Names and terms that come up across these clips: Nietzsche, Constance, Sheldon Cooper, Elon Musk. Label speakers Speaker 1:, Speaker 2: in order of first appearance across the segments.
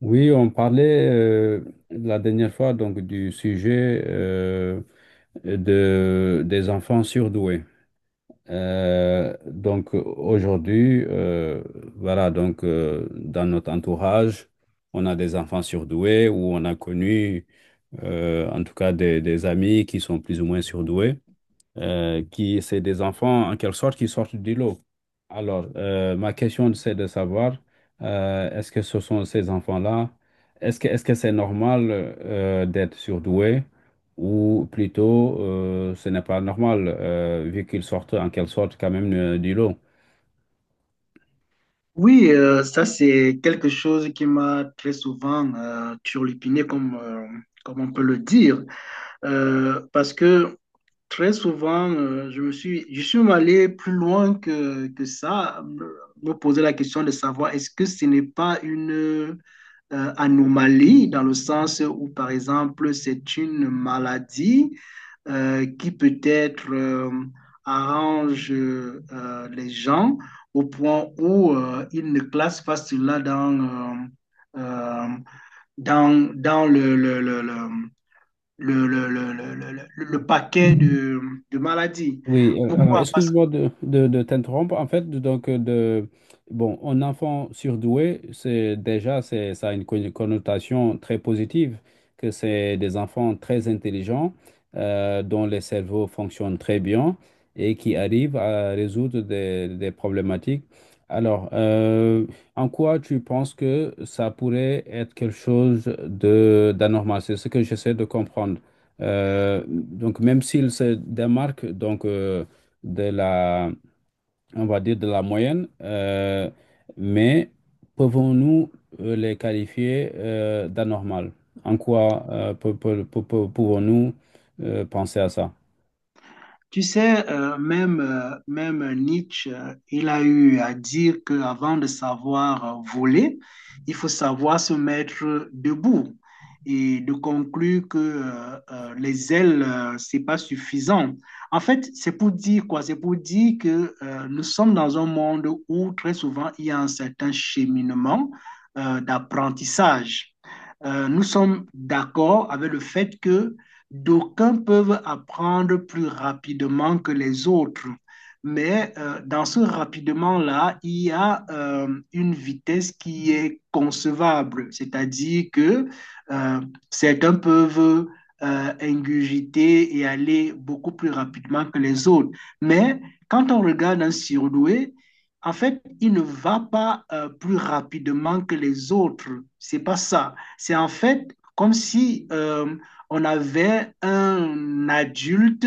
Speaker 1: Oui, on parlait la dernière fois donc du sujet des enfants surdoués. Donc aujourd'hui, voilà, donc dans notre entourage, on a des enfants surdoués ou on a connu en tout cas des amis qui sont plus ou moins surdoués qui, c'est des enfants en quelque sorte qui sortent du lot. Alors, ma question, c'est de savoir, est-ce que ce sont ces enfants-là, est-ce que c'est normal d'être surdoué ou plutôt ce n'est pas normal vu qu'ils sortent en quelque sorte quand même du lot?
Speaker 2: Oui, ça c'est quelque chose qui m'a très souvent turlupiné, comme on peut le dire. Parce que très souvent, je suis même allé plus loin que ça, me poser la question de savoir est-ce que ce n'est pas une anomalie dans le sens où, par exemple, c'est une maladie qui peut-être arrange les gens au point où ils ne classent pas cela dans, euh, euh, dans, dans le- paquet de maladies.
Speaker 1: Oui, alors
Speaker 2: Pourquoi? Parce
Speaker 1: excuse-moi de t'interrompre. En fait, donc, bon, un enfant surdoué, ça a une connotation très positive, que c'est des enfants très intelligents, dont les cerveaux fonctionnent très bien et qui arrivent à résoudre des problématiques. Alors, en quoi tu penses que ça pourrait être quelque chose de d'anormal? C'est ce que j'essaie de comprendre. Même s'il se démarque donc, de la, on va dire de la moyenne, mais pouvons-nous les qualifier d'anormal? En quoi pouvons-nous penser à ça?
Speaker 2: Tu sais, même Nietzsche, il a eu à dire qu'avant de savoir voler, il faut savoir se mettre debout et de conclure que les ailes, c'est pas suffisant. En fait, c'est pour dire quoi? C'est pour dire que nous sommes dans un monde où très souvent il y a un certain cheminement d'apprentissage. Nous sommes d'accord avec le fait que d'aucuns peuvent apprendre plus rapidement que les autres, mais dans ce rapidement-là, il y a une vitesse qui est concevable, c'est-à-dire que euh, certains peuvent ingurgiter et aller beaucoup plus rapidement que les autres. Mais quand on regarde un surdoué, en fait, il ne va pas plus rapidement que les autres. C'est pas ça. C'est en fait comme si on avait un adulte,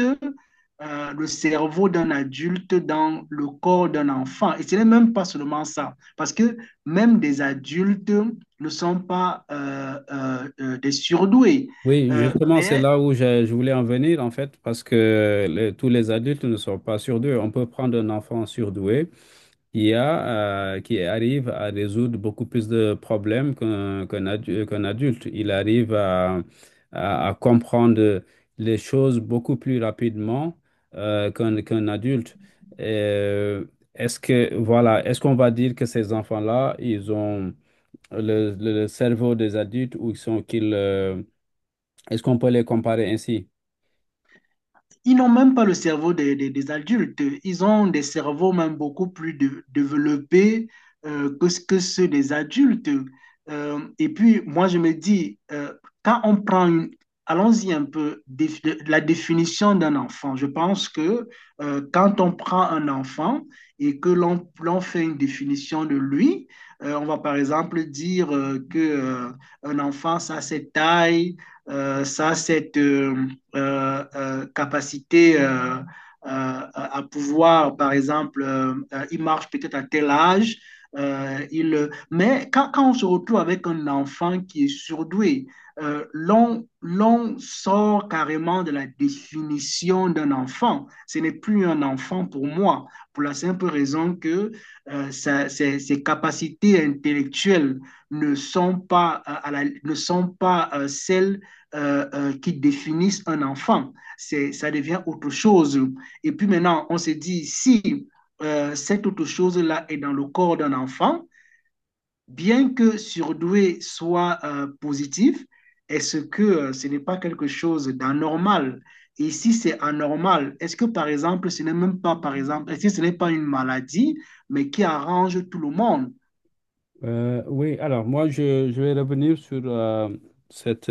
Speaker 2: le cerveau d'un adulte dans le corps d'un enfant. Et ce n'est même pas seulement ça, parce que même des adultes ne sont pas des surdoués.
Speaker 1: Oui,
Speaker 2: Euh,
Speaker 1: justement, c'est
Speaker 2: mais
Speaker 1: là où je voulais en venir, en fait, parce que tous les adultes ne sont pas surdoués. On peut prendre un enfant surdoué. IA qui arrive à résoudre beaucoup plus de problèmes qu'un adulte. Il arrive à, à comprendre les choses beaucoup plus rapidement qu'un adulte. Euh, Est-ce que, voilà, est-ce qu'on va dire que ces enfants-là, ils ont le cerveau des adultes ou est-ce qu'on peut les comparer ainsi?
Speaker 2: Ils n'ont même pas le cerveau des adultes. Ils ont des cerveaux même beaucoup plus développés que ceux des adultes. Et puis, moi, je me dis, quand on prend une... Allons-y un peu, la définition d'un enfant. Je pense que quand on prend un enfant et que l'on fait une définition de lui, on va par exemple dire que un enfant, ça c'est taille, ça c'est capacité à pouvoir, par exemple, il marche peut-être à tel âge, mais quand on se retrouve avec un enfant qui est surdoué, l'on sort carrément de la définition d'un enfant. Ce n'est plus un enfant pour moi, pour la simple raison que ses capacités intellectuelles ne sont pas celles qui définissent un enfant. Ça devient autre chose. Et puis maintenant, on se dit, si cette autre chose-là est dans le corps d'un enfant, bien que surdoué soit positif, est-ce que ce n'est pas quelque chose d'anormal? Et si c'est anormal, est-ce que par exemple, ce n'est même pas, par exemple, est-ce que ce n'est pas une maladie, mais qui arrange tout le monde?
Speaker 1: Oui, alors moi, je vais revenir sur cette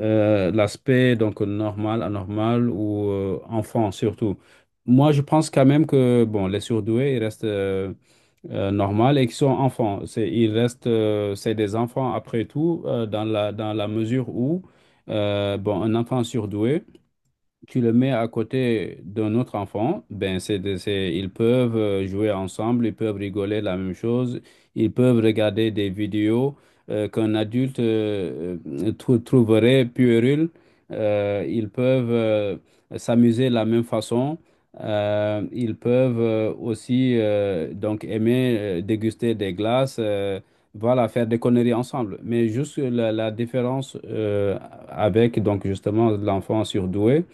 Speaker 1: l'aspect donc normal, anormal ou enfant surtout. Moi, je pense quand même que bon, les surdoués, ils restent normaux et qu'ils sont enfants. C'est, ils restent, c'est des enfants après tout, dans la mesure où bon, un enfant surdoué tu le mets à côté d'un autre enfant, ben ils peuvent jouer ensemble, ils peuvent rigoler de la même chose, ils peuvent regarder des vidéos qu'un adulte trouverait puérile, ils peuvent s'amuser de la même façon, ils peuvent aussi donc aimer déguster des glaces, voilà, faire des conneries ensemble. Mais juste la, la différence avec donc justement l'enfant surdoué.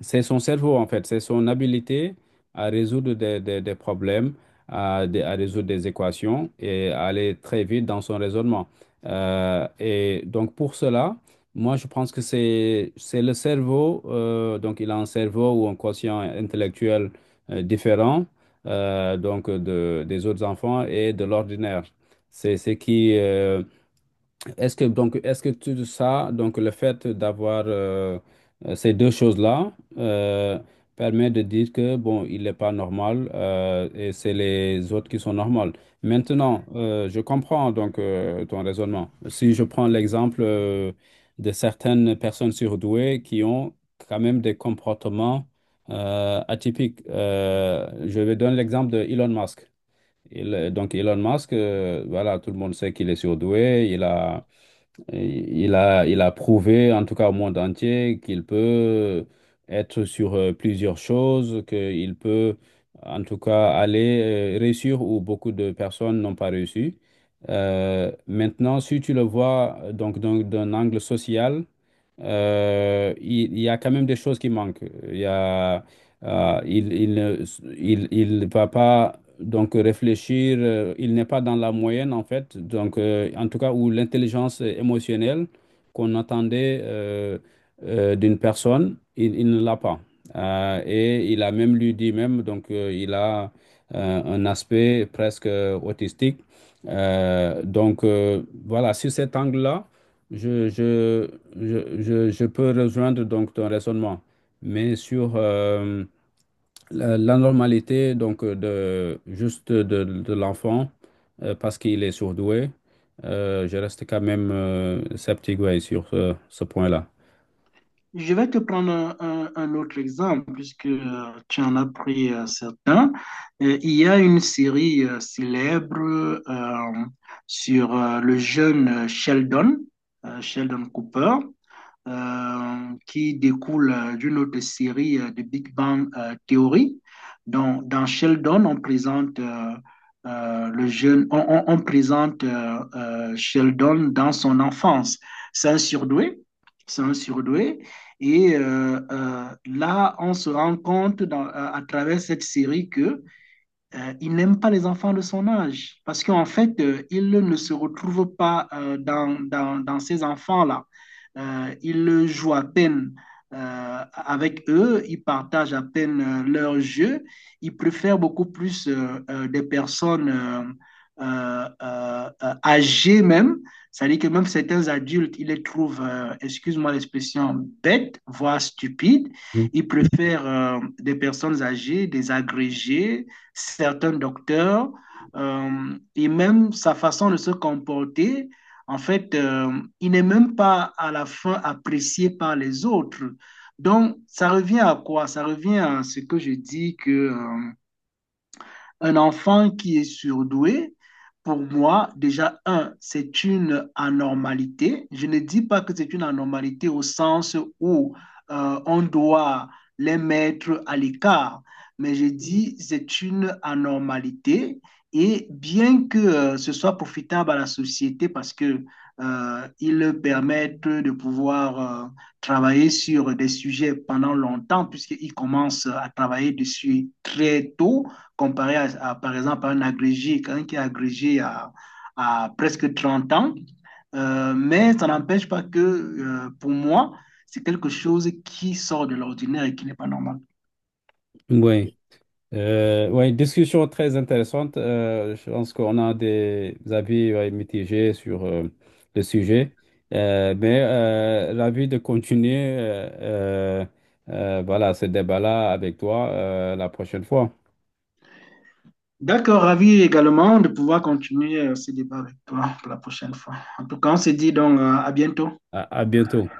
Speaker 1: C'est son cerveau, en fait. C'est son habilité à résoudre des problèmes, à résoudre des équations et à aller très vite dans son raisonnement. Et donc, pour cela, moi, je pense que c'est le cerveau. Donc, il a un cerveau ou un quotient intellectuel différent donc des autres enfants et de l'ordinaire. C'est ce qui, est-ce que tout ça, donc le fait d'avoir ces deux choses-là permet de dire que bon, il n'est pas normal et c'est les autres qui sont normales. Maintenant, je comprends donc ton raisonnement. Si je prends l'exemple de certaines personnes surdouées qui ont quand même des comportements atypiques. Je vais donner l'exemple de Elon Musk. Donc Elon Musk, voilà, tout le monde sait qu'il est surdoué, il a prouvé, en tout cas au monde entier, qu'il peut être sur plusieurs choses, qu'il peut, en tout cas, aller réussir où beaucoup de personnes n'ont pas réussi. Maintenant, si tu le vois donc d'un angle social, il y a quand même des choses qui manquent. Il y a, euh, il, il, ne- il ne va pas donc réfléchir, il n'est pas dans la moyenne en fait, donc en tout cas où l'intelligence émotionnelle qu'on attendait d'une personne, il ne l'a pas. Et il a même lui dit même, donc il a un aspect presque autistique. Voilà, sur cet angle-là. Je, je, je peux rejoindre donc ton raisonnement, mais sur la, la normalité donc de juste de l'enfant parce qu'il est surdoué, je reste quand même sceptique, ouais, sur ce, ce point-là.
Speaker 2: Je vais te prendre un autre exemple, puisque tu en as pris certains. Il y a une série célèbre euh, sur le jeune Sheldon, Sheldon Cooper, qui découle d'une autre série, de Big Bang Theory. Donc, dans Sheldon, on présente le jeune, on présente Sheldon dans son enfance. C'est un surdoué, c'est un surdoué. Et là, on se rend compte à travers cette série que il n'aime pas les enfants de son âge parce qu'en fait, il ne se retrouve pas dans ces enfants-là. Il joue à peine avec eux, il partage à peine leur jeu, il préfère beaucoup plus des personnes âgées même, c'est-à-dire que même certains adultes, il les trouve, excuse-moi l'expression, bêtes, voire stupides.
Speaker 1: Mm.
Speaker 2: Il préfère des personnes âgées, des agrégés, certains docteurs, et même sa façon de se comporter. En fait, il n'est même pas à la fin apprécié par les autres. Donc, ça revient à quoi? Ça revient à ce que je dis que un enfant qui est surdoué, pour moi, déjà, un, c'est une anormalité. Je ne dis pas que c'est une anormalité au sens où on doit les mettre à l'écart, mais je dis c'est une anormalité. Et bien que ce soit profitable à la société, parce que ils permettent de pouvoir travailler sur des sujets pendant longtemps puisqu'ils commencent à travailler dessus très tôt, comparé par exemple, à un agrégé, quelqu'un qui est agrégé à presque 30 ans. Mais ça n'empêche pas que, pour moi, c'est quelque chose qui sort de l'ordinaire et qui n'est pas normal.
Speaker 1: Oui. Ouais, Discussion très intéressante. Je pense qu'on a des avis, ouais, mitigés sur le sujet. L'avis de continuer voilà, ce débat-là avec toi la prochaine fois.
Speaker 2: D'accord, ravi également de pouvoir continuer ce débat avec toi pour la prochaine fois. En tout cas, on se dit donc à bientôt.
Speaker 1: À à bientôt.